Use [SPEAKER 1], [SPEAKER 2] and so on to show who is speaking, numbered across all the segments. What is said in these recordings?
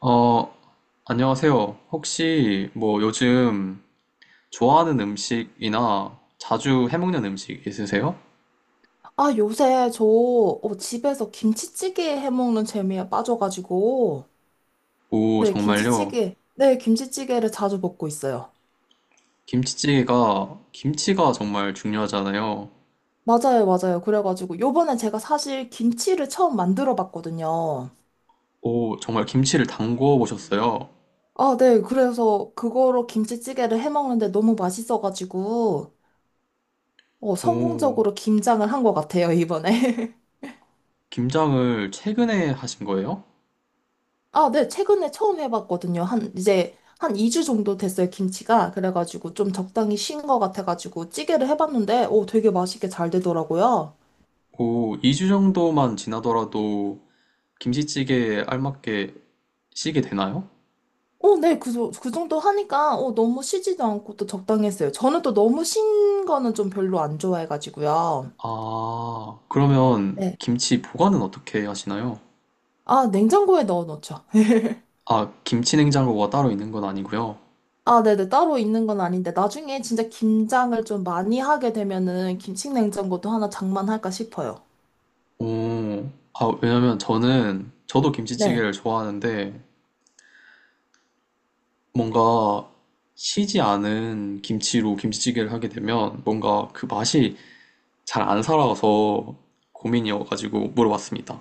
[SPEAKER 1] 어, 안녕하세요. 혹시 뭐 요즘 좋아하는 음식이나 자주 해먹는 음식 있으세요?
[SPEAKER 2] 아, 요새 저 집에서 김치찌개 해먹는 재미에 빠져가지고,
[SPEAKER 1] 오,
[SPEAKER 2] 네,
[SPEAKER 1] 정말요?
[SPEAKER 2] 김치찌개, 네, 김치찌개를 자주 먹고 있어요.
[SPEAKER 1] 김치찌개가, 김치가 정말 중요하잖아요.
[SPEAKER 2] 맞아요, 맞아요. 그래가지고, 요번에 제가 사실 김치를 처음 만들어 봤거든요.
[SPEAKER 1] 오, 정말 김치를 담궈 보셨어요?
[SPEAKER 2] 아, 네, 그래서 그거로 김치찌개를 해먹는데 너무 맛있어가지고,
[SPEAKER 1] 오,
[SPEAKER 2] 성공적으로 김장을 한 것 같아요, 이번에.
[SPEAKER 1] 김장을 최근에 하신 거예요?
[SPEAKER 2] 아, 네, 최근에 처음 해봤거든요. 한, 이제, 한 2주 정도 됐어요, 김치가. 그래가지고 좀 적당히 쉰 것 같아가지고 찌개를 해봤는데, 오, 되게 맛있게 잘 되더라고요.
[SPEAKER 1] 오, 2주 정도만 지나더라도 김치찌개에 알맞게 시게 되나요?
[SPEAKER 2] 오, 네, 그, 그 정도 하니까, 오, 너무 쉬지도 않고 또 적당했어요. 저는 또 너무 쉰 거는 좀 별로 안 좋아해가지고요.
[SPEAKER 1] 아, 그러면
[SPEAKER 2] 네.
[SPEAKER 1] 김치 보관은 어떻게 하시나요?
[SPEAKER 2] 아, 냉장고에 넣어 놓죠.
[SPEAKER 1] 아, 김치 냉장고가 따로 있는 건 아니고요.
[SPEAKER 2] 아, 네네. 따로 있는 건 아닌데, 나중에 진짜 김장을 좀 많이 하게 되면은 김치 냉장고도 하나 장만할까 싶어요.
[SPEAKER 1] 오, 아, 왜냐면 저도
[SPEAKER 2] 네.
[SPEAKER 1] 김치찌개를 좋아하는데, 뭔가 시지 않은 김치로 김치찌개를 하게 되면, 뭔가 그 맛이 잘 안 살아서 고민이어가지고 물어봤습니다.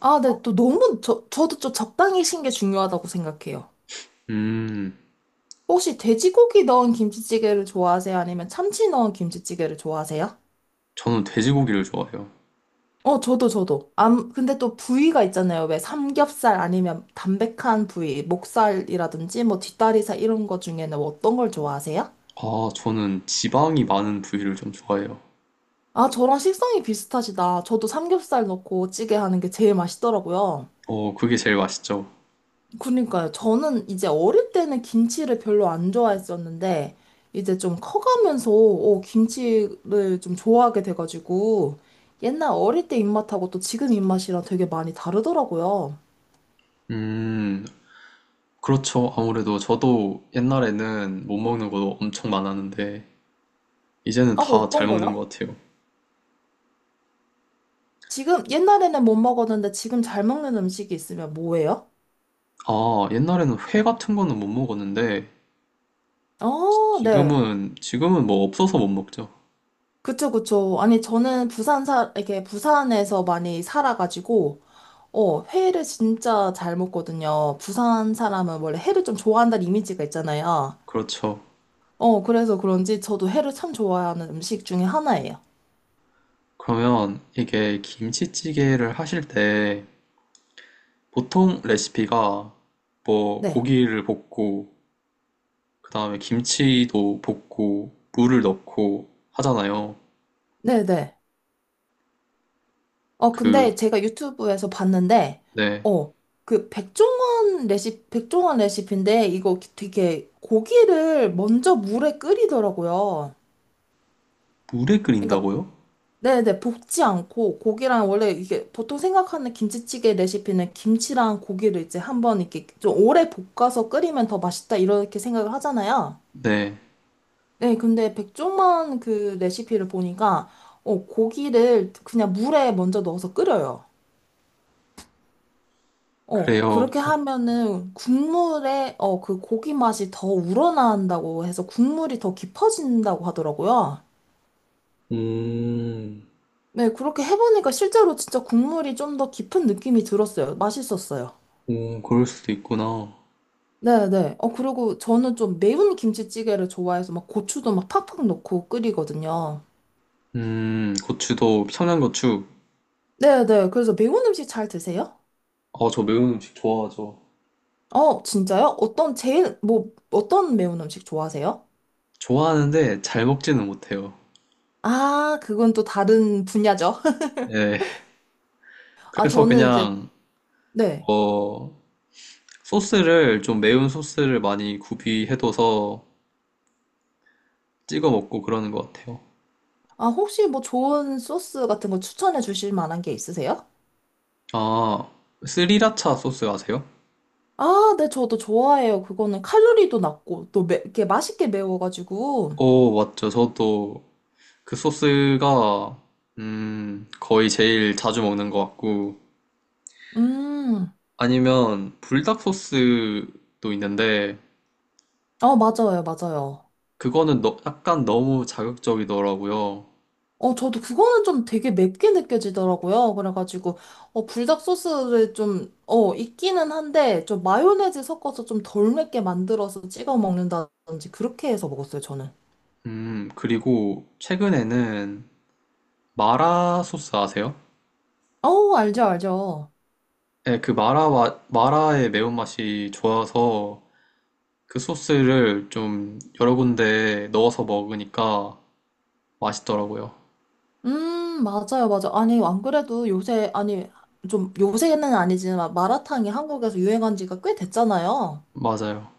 [SPEAKER 2] 아, 네, 또 너무, 저, 저도 좀 적당히 신게 중요하다고 생각해요.
[SPEAKER 1] 음,
[SPEAKER 2] 혹시 돼지고기 넣은 김치찌개를 좋아하세요? 아니면 참치 넣은 김치찌개를 좋아하세요?
[SPEAKER 1] 저는 돼지고기를 좋아해요.
[SPEAKER 2] 어, 저도, 저도. 암, 근데 또 부위가 있잖아요. 왜 삼겹살 아니면 담백한 부위, 목살이라든지 뭐 뒷다리살 이런 거 중에는 어떤 걸 좋아하세요?
[SPEAKER 1] 아, 저는 지방이 많은 부위를 좀 좋아해요.
[SPEAKER 2] 아, 저랑 식성이 비슷하시다. 저도 삼겹살 넣고 찌개 하는 게 제일 맛있더라고요.
[SPEAKER 1] 어, 그게 제일 맛있죠.
[SPEAKER 2] 그러니까요. 저는 이제 어릴 때는 김치를 별로 안 좋아했었는데, 이제 좀 커가면서, 김치를 좀 좋아하게 돼가지고, 옛날 어릴 때 입맛하고 또 지금 입맛이랑 되게 많이 다르더라고요.
[SPEAKER 1] 음, 그렇죠. 아무래도 저도 옛날에는 못 먹는 것도 엄청 많았는데, 이제는
[SPEAKER 2] 아,
[SPEAKER 1] 다 잘
[SPEAKER 2] 어떤
[SPEAKER 1] 먹는
[SPEAKER 2] 거요?
[SPEAKER 1] 것 같아요.
[SPEAKER 2] 지금, 옛날에는 못 먹었는데 지금 잘 먹는 음식이 있으면 뭐예요?
[SPEAKER 1] 아, 옛날에는 회 같은 거는 못 먹었는데,
[SPEAKER 2] 어, 네.
[SPEAKER 1] 지금은 뭐 없어서 못 먹죠.
[SPEAKER 2] 그쵸, 그쵸. 아니, 저는 이렇게 부산에서 많이 살아가지고, 회를 진짜 잘 먹거든요. 부산 사람은 원래 회를 좀 좋아한다는 이미지가 있잖아요.
[SPEAKER 1] 그렇죠.
[SPEAKER 2] 어, 그래서 그런지 저도 회를 참 좋아하는 음식 중에 하나예요.
[SPEAKER 1] 그러면 이게 김치찌개를 하실 때, 보통 레시피가 뭐
[SPEAKER 2] 네.
[SPEAKER 1] 고기를 볶고, 그 다음에 김치도 볶고, 물을 넣고 하잖아요.
[SPEAKER 2] 네네. 어,
[SPEAKER 1] 그,
[SPEAKER 2] 근데 제가 유튜브에서 봤는데,
[SPEAKER 1] 네.
[SPEAKER 2] 어, 백종원 레시피인데, 이거 되게 고기를 먼저 물에 끓이더라고요.
[SPEAKER 1] 물에
[SPEAKER 2] 그러니까
[SPEAKER 1] 끓인다고요?
[SPEAKER 2] 네네, 볶지 않고 고기랑 원래 이게 보통 생각하는 김치찌개 레시피는 김치랑 고기를 이제 한번 이렇게 좀 오래 볶아서 끓이면 더 맛있다 이렇게 생각을 하잖아요.
[SPEAKER 1] 네.
[SPEAKER 2] 네, 근데 백종원 그 레시피를 보니까 고기를 그냥 물에 먼저 넣어서 끓여요.
[SPEAKER 1] 그래요.
[SPEAKER 2] 그렇게
[SPEAKER 1] 뭐,
[SPEAKER 2] 하면은 국물에 그 고기 맛이 더 우러나온다고 해서 국물이 더 깊어진다고 하더라고요.
[SPEAKER 1] 음,
[SPEAKER 2] 네, 그렇게 해보니까 실제로 진짜 국물이 좀 더 깊은 느낌이 들었어요. 맛있었어요.
[SPEAKER 1] 오, 그럴 수도 있구나.
[SPEAKER 2] 네네. 어, 그리고 저는 좀 매운 김치찌개를 좋아해서 막 고추도 막 팍팍 넣고 끓이거든요.
[SPEAKER 1] 고추도 청양고추.
[SPEAKER 2] 네네. 그래서 매운 음식 잘 드세요?
[SPEAKER 1] 어, 저 매운 음식 좋아하죠.
[SPEAKER 2] 어, 진짜요? 어떤 매운 음식 좋아하세요?
[SPEAKER 1] 좋아하는데 잘 먹지는 못해요.
[SPEAKER 2] 아, 그건 또 다른 분야죠.
[SPEAKER 1] 예.
[SPEAKER 2] 아,
[SPEAKER 1] 그래서
[SPEAKER 2] 저는 이제,
[SPEAKER 1] 그냥
[SPEAKER 2] 네.
[SPEAKER 1] 어 소스를 좀 매운 소스를 많이 구비해둬서 찍어 먹고 그러는 것 같아요.
[SPEAKER 2] 아, 혹시 뭐 좋은 소스 같은 거 추천해 주실 만한 게 있으세요?
[SPEAKER 1] 아, 스리라차 소스 아세요?
[SPEAKER 2] 아, 네, 저도 좋아해요. 그거는 칼로리도 낮고, 이렇게 맛있게 매워가지고.
[SPEAKER 1] 오, 맞죠. 저도 그 소스가 거의 제일 자주 먹는 것 같고
[SPEAKER 2] 음,
[SPEAKER 1] 아니면 불닭 소스도 있는데
[SPEAKER 2] 어, 맞아요, 맞아요.
[SPEAKER 1] 약간 너무 자극적이더라고요.
[SPEAKER 2] 어, 저도 그거는 좀 되게 맵게 느껴지더라고요. 그래가지고, 어, 불닭 소스를 좀, 어, 있기는 한데, 좀 마요네즈 섞어서 좀 덜 맵게 만들어서 찍어 먹는다든지, 그렇게 해서 먹었어요, 저는.
[SPEAKER 1] 그리고 최근에는 마라 소스 아세요?
[SPEAKER 2] 어, 알죠, 알죠.
[SPEAKER 1] 네, 마라의 매운맛이 좋아서 그 소스를 좀 여러 군데 넣어서 먹으니까 맛있더라고요.
[SPEAKER 2] 맞아요, 맞아. 아니, 안 그래도 요새, 아니, 좀, 요새는 아니지만, 마라탕이 한국에서 유행한 지가 꽤 됐잖아요.
[SPEAKER 1] 맞아요.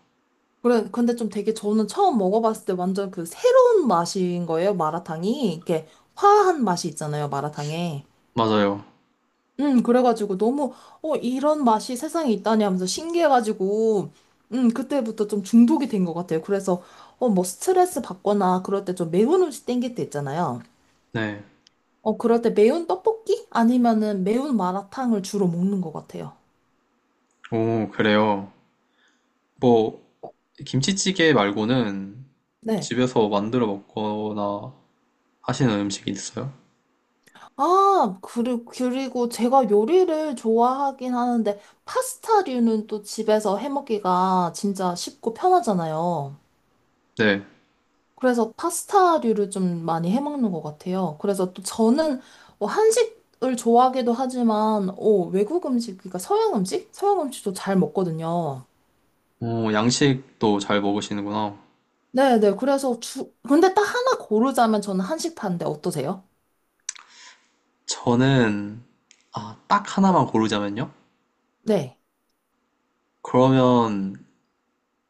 [SPEAKER 2] 그래, 근데 좀 되게 저는 처음 먹어봤을 때 완전 그 새로운 맛인 거예요, 마라탕이. 이렇게 화한 맛이 있잖아요, 마라탕에.
[SPEAKER 1] 맞아요.
[SPEAKER 2] 그래가지고 너무, 이런 맛이 세상에 있다니 하면서 신기해가지고, 그때부터 좀 중독이 된 것 같아요. 그래서, 뭐 스트레스 받거나 그럴 때 좀 매운 음식 땡길 때 있잖아요.
[SPEAKER 1] 네.
[SPEAKER 2] 어, 그럴 때 매운 떡볶이? 아니면은 매운 마라탕을 주로 먹는 것 같아요.
[SPEAKER 1] 오, 그래요. 뭐, 김치찌개 말고는
[SPEAKER 2] 네.
[SPEAKER 1] 집에서 만들어 먹거나 하시는 음식이 있어요?
[SPEAKER 2] 아, 그리고 제가 요리를 좋아하긴 하는데, 파스타류는 또 집에서 해 먹기가 진짜 쉽고 편하잖아요.
[SPEAKER 1] 네.
[SPEAKER 2] 그래서 파스타류를 좀 많이 해 먹는 것 같아요. 그래서 또 저는 뭐 한식을 좋아하기도 하지만 어, 외국 음식, 그러니까 서양 음식? 서양 음식도 잘 먹거든요.
[SPEAKER 1] 오, 양식도 잘 먹으시는구나.
[SPEAKER 2] 네네. 근데 딱 하나 고르자면 저는 한식파인데 어떠세요?
[SPEAKER 1] 저는 아, 딱 하나만 고르자면요?
[SPEAKER 2] 네.
[SPEAKER 1] 그러면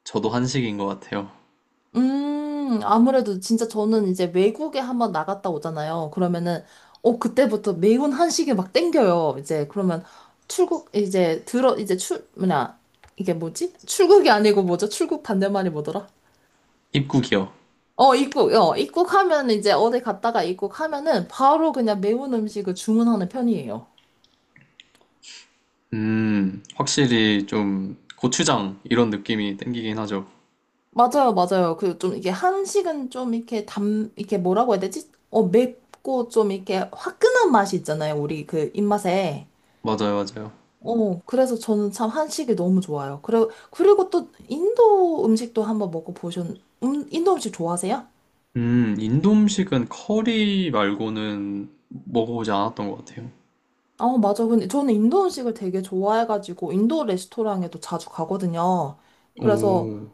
[SPEAKER 1] 저도 한식인 것 같아요.
[SPEAKER 2] 아무래도 진짜 저는 이제 외국에 한번 나갔다 오잖아요. 그러면은 그때부터 매운 한식이 막 땡겨요. 이제 그러면 출국 이제 들어 이제 출 뭐냐 이게 뭐지? 출국이 아니고 뭐죠? 출국 반대말이 뭐더라?
[SPEAKER 1] 입국이요.
[SPEAKER 2] 어, 입국, 어, 입국하면 이제 어디 갔다가 입국하면은 바로 그냥 매운 음식을 주문하는 편이에요.
[SPEAKER 1] 확실히 좀 고추장 이런 느낌이 땡기긴 하죠.
[SPEAKER 2] 맞아요, 맞아요. 그 좀 이게 한식은 좀 이렇게 뭐라고 해야 되지? 어, 맵고 좀 이렇게 화끈한 맛이 있잖아요. 우리 그 입맛에.
[SPEAKER 1] 맞아요, 맞아요.
[SPEAKER 2] 어, 그래서 저는 참 한식이 너무 좋아요. 그리고 또 인도 음식 좋아하세요?
[SPEAKER 1] 인도 음식은 커리 말고는 먹어보지 않았던 것 같아요.
[SPEAKER 2] 아, 맞아. 근데 저는 인도 음식을 되게 좋아해가지고 인도 레스토랑에도 자주 가거든요. 그래서
[SPEAKER 1] 오,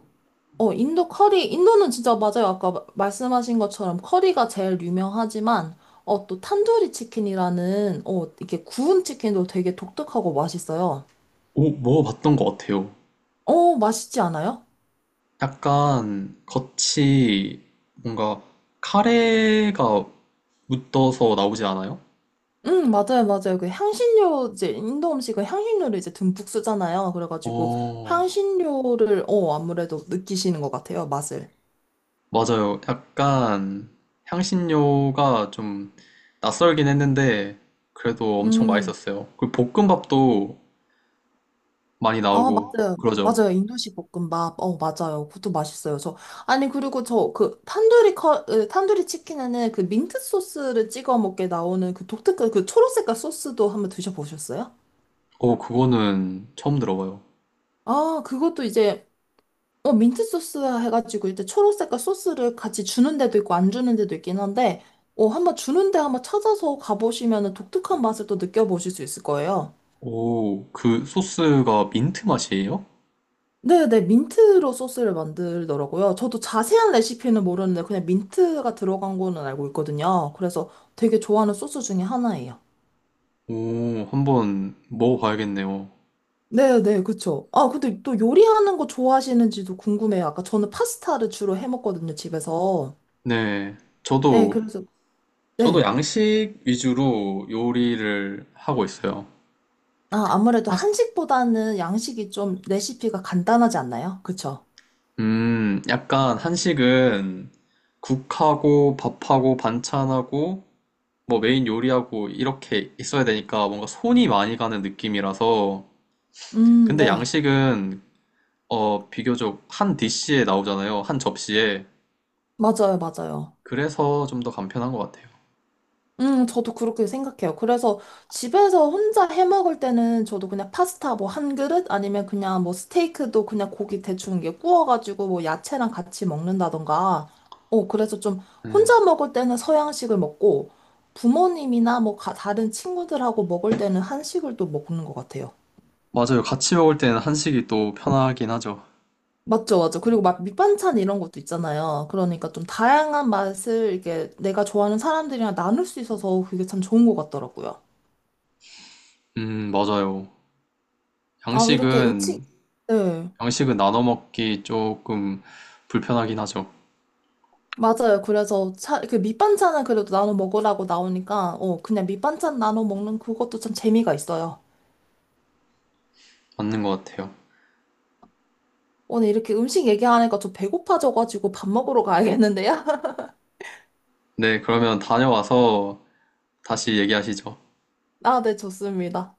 [SPEAKER 2] 인도는 진짜 맞아요. 아까 말씀하신 것처럼 커리가 제일 유명하지만, 어, 또 탄두리 치킨이라는, 어, 이렇게 구운 치킨도 되게 독특하고 맛있어요.
[SPEAKER 1] 오, 먹어봤던 것 같아요.
[SPEAKER 2] 어, 맛있지 않아요?
[SPEAKER 1] 약간 겉이 뭔가 카레가 묻어서 나오지 않아요?
[SPEAKER 2] 응, 맞아요, 맞아요. 그 향신료, 이제 인도 음식은 향신료를 이제 듬뿍 쓰잖아요. 그래가지고
[SPEAKER 1] 어,
[SPEAKER 2] 향신료를, 아무래도 느끼시는 것 같아요, 맛을.
[SPEAKER 1] 맞아요. 약간 향신료가 좀 낯설긴 했는데 그래도 엄청
[SPEAKER 2] 음.
[SPEAKER 1] 맛있었어요. 그리고 볶음밥도 많이
[SPEAKER 2] 아,
[SPEAKER 1] 나오고
[SPEAKER 2] 맞아요.
[SPEAKER 1] 그러죠.
[SPEAKER 2] 맞아요. 인도식 볶음밥. 어, 맞아요. 그것도 맛있어요. 저, 아니, 그리고 저, 그, 탄두리 커, 으, 탄두리 치킨에는 그 민트 소스를 찍어 먹게 나오는 그 독특한 그 초록색깔 소스도 한번 드셔보셨어요?
[SPEAKER 1] 오, 그거는 처음 들어봐요.
[SPEAKER 2] 아, 그것도 이제, 민트 소스 해가지고 이제 초록색깔 소스를 같이 주는 데도 있고 안 주는 데도 있긴 한데, 한번 주는 데 한번 찾아서 가보시면은 독특한 맛을 또 느껴보실 수 있을 거예요.
[SPEAKER 1] 오, 그 소스가 민트 맛이에요?
[SPEAKER 2] 네네, 민트로 소스를 만들더라고요. 저도 자세한 레시피는 모르는데 그냥 민트가 들어간 거는 알고 있거든요. 그래서 되게 좋아하는 소스 중에 하나예요.
[SPEAKER 1] 오, 한번 먹어봐야겠네요.
[SPEAKER 2] 네네, 그쵸. 아, 근데 또 요리하는 거 좋아하시는지도 궁금해요. 아까 저는 파스타를 주로 해 먹거든요, 집에서.
[SPEAKER 1] 네,
[SPEAKER 2] 네,
[SPEAKER 1] 저도
[SPEAKER 2] 그래서,
[SPEAKER 1] 저도
[SPEAKER 2] 네.
[SPEAKER 1] 양식 위주로 요리를 하고 있어요.
[SPEAKER 2] 아, 아무래도
[SPEAKER 1] 파스-
[SPEAKER 2] 한식보다는 양식이 좀 레시피가 간단하지 않나요? 그쵸?
[SPEAKER 1] 약간 한식은 국하고 밥하고 반찬하고 뭐 메인 요리하고 이렇게 있어야 되니까 뭔가 손이 많이 가는 느낌이라서 근데
[SPEAKER 2] 네.
[SPEAKER 1] 양식은 어 비교적 한 디시에 나오잖아요. 한 접시에.
[SPEAKER 2] 맞아요, 맞아요.
[SPEAKER 1] 그래서 좀 더 간편한 것 같아요.
[SPEAKER 2] 저도 그렇게 생각해요. 그래서 집에서 혼자 해 먹을 때는 저도 그냥 파스타 뭐 한 그릇 아니면 그냥 뭐 스테이크도 그냥 고기 대충 이게 구워가지고 뭐 야채랑 같이 먹는다던가. 어, 그래서 좀
[SPEAKER 1] 네.
[SPEAKER 2] 혼자 먹을 때는 서양식을 먹고 부모님이나 뭐 다른 친구들하고 먹을 때는 한식을 또 먹는 것 같아요.
[SPEAKER 1] 맞아요. 같이 먹을 때는 한식이 또 편하긴 하죠.
[SPEAKER 2] 맞죠, 맞죠. 그리고 막 밑반찬 이런 것도 있잖아요. 그러니까 좀 다양한 맛을 이렇게 내가 좋아하는 사람들이랑 나눌 수 있어서 그게 참 좋은 것 같더라고요.
[SPEAKER 1] 음, 맞아요.
[SPEAKER 2] 아, 이렇게 음식,
[SPEAKER 1] 양식은
[SPEAKER 2] 네.
[SPEAKER 1] 양식은 나눠 먹기 조금 불편하긴 하죠.
[SPEAKER 2] 맞아요. 그 밑반찬은 그래도 나눠 먹으라고 나오니까, 그냥 밑반찬 나눠 먹는 그것도 참 재미가 있어요.
[SPEAKER 1] 맞는 것 같아요.
[SPEAKER 2] 오늘 이렇게 음식 얘기하니까 좀 배고파져가지고 밥 먹으러 가야겠는데요?
[SPEAKER 1] 네, 그러면 다녀와서 다시 얘기하시죠.
[SPEAKER 2] 아, 네, 좋습니다.